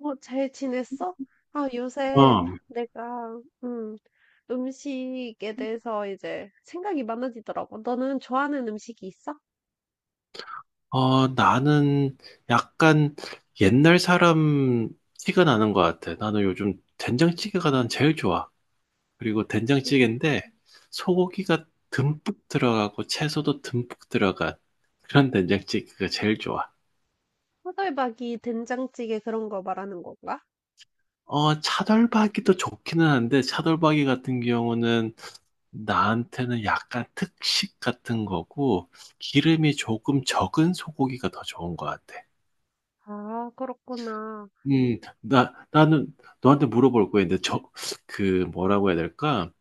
잘 지냈어? 아, 요새 어, 내가, 음, 음식에 대해서 이제 생각이 많아지더라고. 너는 좋아하는 음식이 있어? 나는 약간 옛날 사람 티가 나는 것 같아. 나는 요즘 된장찌개가 난 제일 좋아. 그리고 음, 된장찌개인데 소고기가 듬뿍 들어가고 채소도 듬뿍 들어간 그런 된장찌개가 제일 좋아. 호돌박이 된장찌개 그런 거 말하는 건가? 어, 차돌박이도 좋기는 한데 차돌박이 같은 경우는 나한테는 약간 특식 같은 거고 기름이 조금 적은 소고기가 더 좋은 것 같아. 아, 그렇구나. 나는 너한테 물어볼 거야. 근데 저, 그, 뭐라고 해야 될까?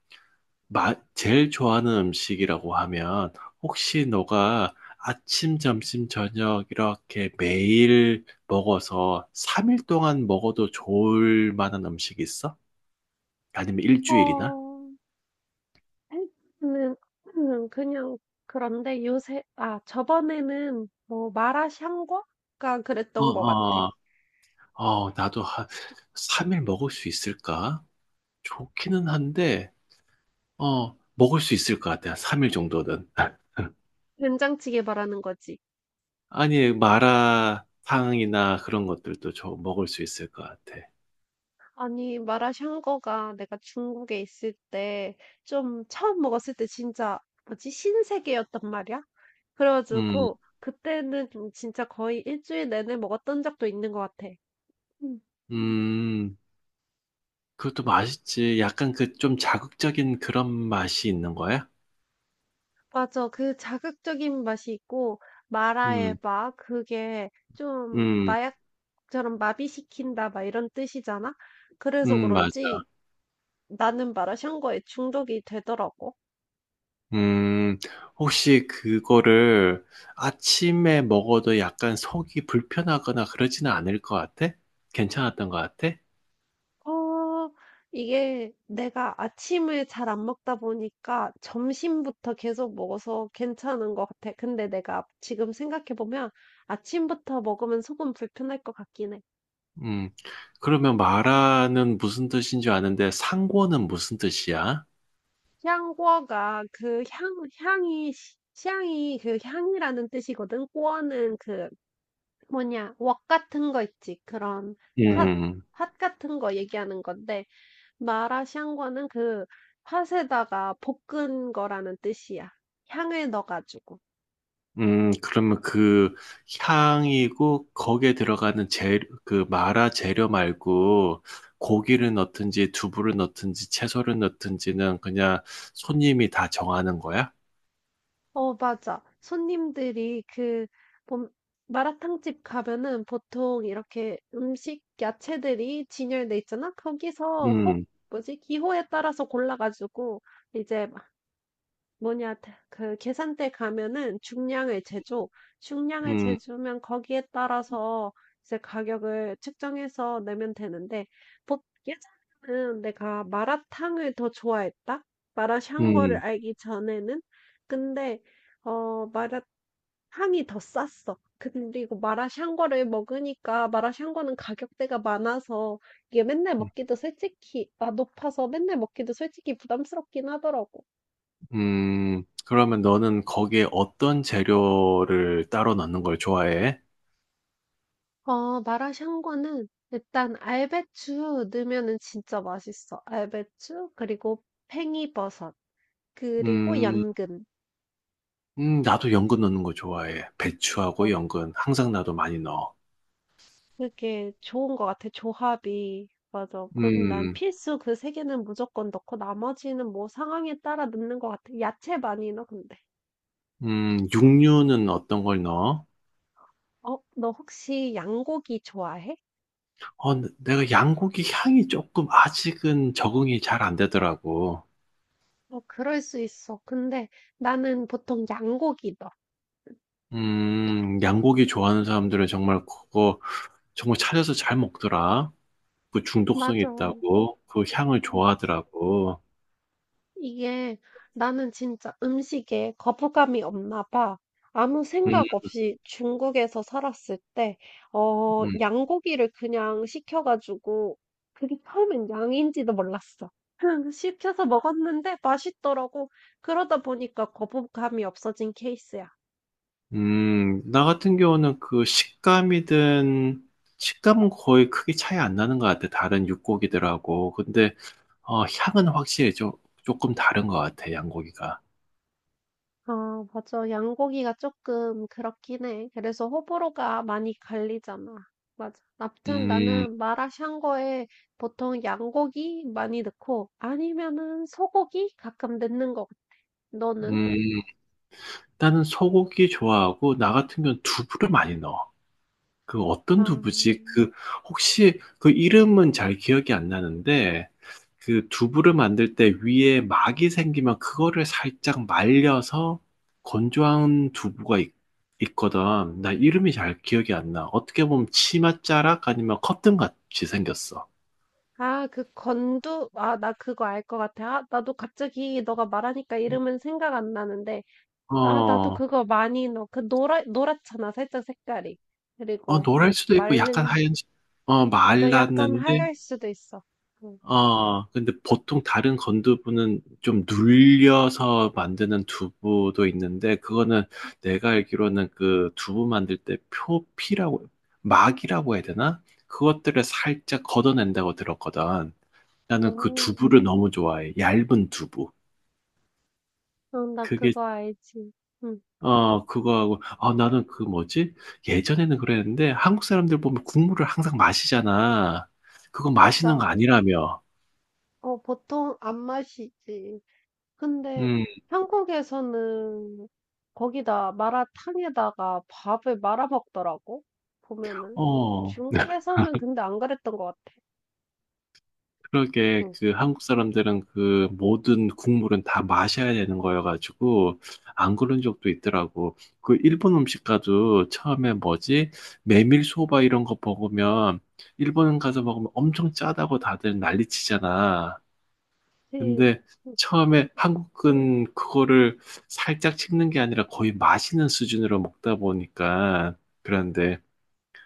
마, 제일 좋아하는 음식이라고 하면, 혹시 너가 아침, 점심, 저녁 이렇게 매일 먹어서 3일 동안 먹어도 좋을 만한 음식이 있어? 아니면 일주일이나? 어, 는 그냥 그런데 요새, 아, 저번에는 뭐 마라샹궈가 어, 그랬던 것 같아. 어, 나도 한 3일 먹을 수 있을까? 좋기는 한데, 어, 먹을 수 있을 것 같아. 3일 정도는. 된장찌개 말하는 거지. 아니, 마라탕이나 그런 것들도 저 먹을 수 있을 것 같아. 아니, 마라샹궈가 내가 중국에 있을 때, 좀 처음 먹었을 때 진짜, 뭐지, 신세계였단 말이야? 음, 그래가지고, 그때는 좀 진짜 거의 일주일 내내 먹었던 적도 있는 것 같아. 음. 음, 그것도 맛있지. 약간 그 좀 자극적인 그런 맛이 있는 거야? 맞아. 그 자극적인 맛이 있고, 마라의 음, 마 그게 좀 음, 마약처럼 마비시킨다, 막 이런 뜻이잖아? 그래서 맞아. 그런지 나는 마라샹궈에 중독이 되더라고. 음, 혹시 그거를 아침에 먹어도 약간 속이 불편하거나 그러지는 않을 것 같아? 괜찮았던 것 같아? 어, 이게 내가 아침을 잘 안 먹다 보니까 점심부터 계속 먹어서 괜찮은 것 같아. 근데 내가 지금 생각해 보면 아침부터 먹으면 속은 불편할 것 같긴 해. 음, 그러면 마라는 무슨 뜻인 줄 아는데 상고는 무슨 뜻이야? 향궈가 그 향이 그 향이라는 뜻이거든. 꼬어는 그 뭐냐, 웍 같은 거 있지. 그런 핫, 음. 핫 같은 거 얘기하는 건데. 마라샹궈는 그 팥에다가 볶은 거라는 뜻이야. 향을 넣어가지고. 그러면 그 향이고 거기에 들어가는 재, 그 마라 재료 말고 고기를 넣든지 두부를 넣든지 채소를 넣든지는 그냥 손님이 다 정하는 거야? 어, 맞아. 손님들이 그 뭐, 마라탕집 가면은 보통 이렇게 음식 야채들이 진열돼 있잖아. 거기서 호 음, 뭐지? 기호에 따라서 골라가지고 이제 뭐냐 다 그 계산대 가면은 중량을 재줘. 중량을 음, 재주면 거기에 따라서 이제 가격을 측정해서 내면 되는데 보 예전에는 내가 마라탕을 더 좋아했다. 마라샹궈를 음, 알기 전에는. 근데 어, 마라탕이 더 쌌어. 그리고 마라샹궈를 먹으니까 마라샹궈는 가격대가 많아서 이게 맨날 먹기도 솔직히 아 높아서 맨날 먹기도 솔직히 부담스럽긴 하더라고. 그러면 너는 거기에 어떤 재료를 따로 넣는 걸 좋아해? 어, 마라샹궈는 일단 알배추 넣으면은 진짜 맛있어. 알배추 그리고 팽이버섯 그리고 음, 연근. 나도 연근 넣는 거 좋아해. 배추하고 막 연근. 항상 나도 많이 넣어. 그게 좋은 것 같아. 조합이. 맞아. 그럼 난 음, 필수 그 세 개는 무조건 넣고 나머지는 뭐 상황에 따라 넣는 것 같아. 야채 많이 넣어 근데. 육류는 어떤 걸 넣어? 어, 너 혹시 양고기 좋아해? 어, 네, 내가 양고기 향이 조금 아직은 적응이 잘 안 되더라고. 어, 그럴 수 있어. 근데 나는 보통 양고기 넣어. 양고기 좋아하는 사람들은 정말 그거 정말 찾아서 잘 먹더라. 그 중독성이 맞아. 있다고 그 향을 좋아하더라고. 이게 나는 진짜 음식에 거부감이 없나 봐. 아무 음, 생각 없이 중국에서 살았을 때, 어, 음, 양고기를 그냥 시켜가지고, 그게 처음엔 양인지도 몰랐어. 그냥 시켜서 먹었는데 맛있더라고. 그러다 보니까 거부감이 없어진 케이스야. 나 같은 경우는 그 식감이든 식감은 거의 크게 차이 안 나는 것 같아. 다른 육고기들하고. 근데 어, 향은 확실히 좀 조금 다른 것 같아. 양고기가. 아, 맞아. 양고기가 조금 그렇긴 해. 그래서 호불호가 많이 갈리잖아. 맞아. 아무튼 음, 나는 마라샹궈에 보통 양고기 많이 넣고 아니면은 소고기 가끔 넣는 거. 같- 너는? 음. 나는 소고기 좋아하고 나 같은 경우는 두부를 많이 넣어. 그 아, 어떤 두부지? 그 혹시 그 이름은 잘 기억이 안 나는데 그 두부를 만들 때 위에 막이 생기면 그거를 살짝 말려서 건조한 두부가 있, 거든나 이름이 잘 기억이 안 나. 어떻게 보면 치맛자락 아니면 커튼 같이 생겼어. 아, 그 건두. 아, 나 그거 알 것 같아. 아, 나도 갑자기 너가 말하니까 이름은 생각 안 나는데. 아, 나도 어, 그거 많이 넣어. 그 노랗잖아. 살짝 색깔이. 어, 그리고 노랄 수도 있고 말, 약간 하얀, 어, 맞아, 약간 말랐는데 하얄 수도 있어. 응. 어, 근데 보통 다른 건두부는 좀 눌려서 만드는 두부도 있는데, 그거는 내가 알기로는 그 두부 만들 때 표피라고, 막이라고 해야 되나? 그것들을 살짝 걷어낸다고 들었거든. 나는 그 음, 두부를 너무 좋아해. 얇은 두부. 응, 나 그게, 그거 알지. 응, 어, 그거하고, 아, 나는 그 뭐지? 예전에는 그랬는데, 한국 사람들 보면 국물을 항상 마시잖아. 그거 마시는 맞아. 거 아니라며. 어, 보통 안 마시지. 근데 음, 한국에서는 거기다 마라탕에다가 밥을 말아 먹더라고. 보면은. 어. 중국에서는 근데 안 그랬던 것 같아. 그러게 응, 그 한국 사람들은 그 모든 국물은 다 마셔야 되는 거여가지고 안 그런 적도 있더라고. 그 일본 음식 가도 처음에 뭐지? 메밀소바 이런 거 먹으면 일본 가서 먹으면 엄청 짜다고 다들 난리치잖아. 그치. 근데 응, 처음에 한국은 그거를 살짝 씹는 게 아니라 거의 마시는 수준으로 먹다 보니까 그런데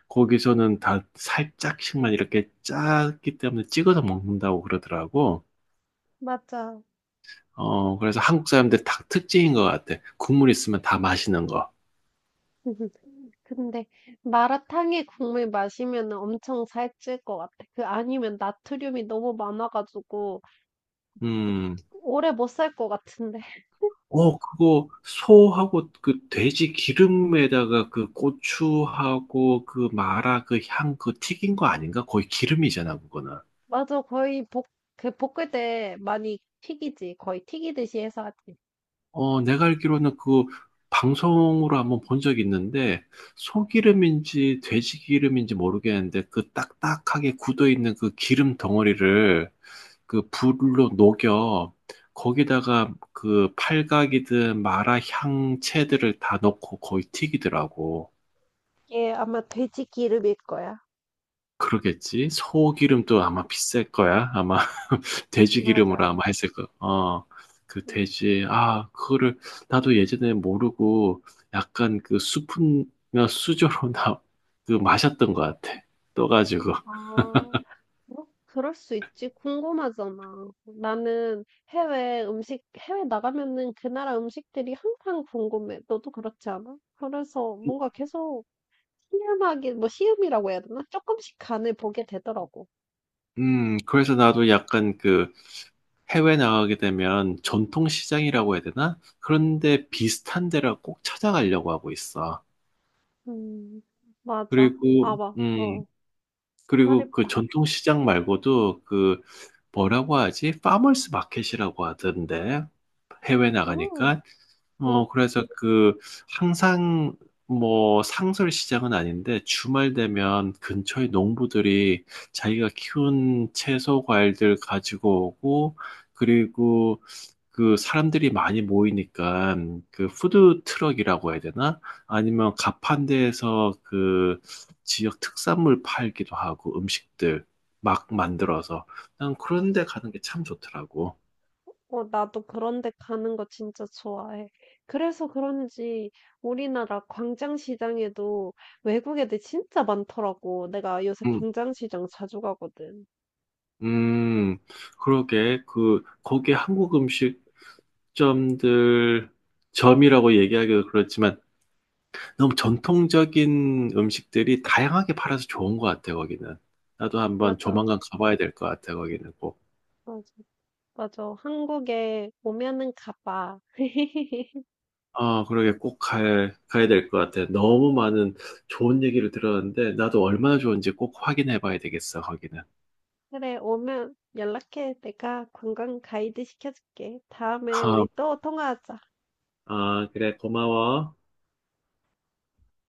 거기서는 다 살짝씩만 이렇게 짰기 때문에 찍어서 먹는다고 그러더라고. 맞아. 어, 그래서 한국 사람들 닭 특징인 것 같아. 국물 있으면 다 마시는 거. 근데 마라탕에 국물 마시면 엄청 살찔 것 같아. 그 아니면 나트륨이 너무 많아가지고 음. 오래 못 살 것 같은데. 어, 그거 소하고 그 돼지 기름에다가 그 고추하고 그 마라 그 향 그 튀긴 거 아닌가? 거의 기름이잖아, 그거는. 맞아, 거의 볶, 그 볶을 때 많이 튀기지. 거의 튀기듯이 해서 하지. 어, 내가 알기로는 그 방송으로 한번 본 적이 있는데 소기름인지 돼지 기름인지 모르겠는데 그 딱딱하게 굳어 있는 그 기름 덩어리를 그 불로 녹여 거기다가 그 팔각이든 마라 향채들을 다 넣고 거의 튀기더라고. 이게 아마 돼지 기름일 거야. 그러겠지? 소기름도 아마 비쌀 거야. 아마 돼지 기름으로 맞아. 아마 했을 거. 어, 그 응. 돼지. 아, 그거를 나도 예전에 모르고 약간 그 수프나 수저로 나 그 마셨던 것 같아. 떠가지고. 아, 뭐, 그럴 수 있지. 궁금하잖아. 나는 해외 음식, 해외 나가면은 그 나라 음식들이 항상 궁금해. 너도 그렇지 않아? 그래서 뭔가 계속 시음하기, 뭐 시음이라고 해야 되나? 조금씩 간을 보게 되더라고. 그래서 나도 약간 그 해외 나가게 되면 전통 시장이라고 해야 되나? 그런데 비슷한 데를 꼭 찾아가려고 하고 있어. 음, 맞아. 아, 그리고, 봐. 어, 그리고 그 말해봐. 전통 시장 말고도 그 뭐라고 하지? 파머스 마켓이라고 하던데. 해외 음. 나가니까. 응, 어, 그래서 그 항상 뭐 상설 시장은 아닌데 주말 되면 근처의 농부들이 자기가 키운 채소 과일들 가지고 오고 그리고 그 사람들이 많이 모이니까 그 푸드 트럭이라고 해야 되나? 아니면 가판대에서 그 지역 특산물 팔기도 하고 음식들 막 만들어서 난 그런 데 가는 게 참 좋더라고. 어, 나도 그런 데 가는 거 진짜 좋아해. 그래서 그런지 우리나라 광장시장에도 외국 애들 진짜 많더라고. 내가 요새 음, 광장시장 자주 가거든. 음, 그러게 그 거기 한국 음식점들 점이라고 얘기하기도 그렇지만 너무 전통적인 음식들이 다양하게 팔아서 좋은 것 같아 거기는. 나도 한번 조만간 맞아, 가봐야 될 것 같아 거기는 꼭. 맞아, 맞아. 한국에 오면은 가봐. 아, 그러게 가야 될 것 같아. 너무 많은 좋은 얘기를 들었는데, 나도 얼마나 좋은지 꼭 확인해 봐야 되겠어, 거기는. 그래, 오면 연락해. 내가 관광 가이드 시켜줄게. 다음에 아, 우리 또 통화하자. 그래, 고마워.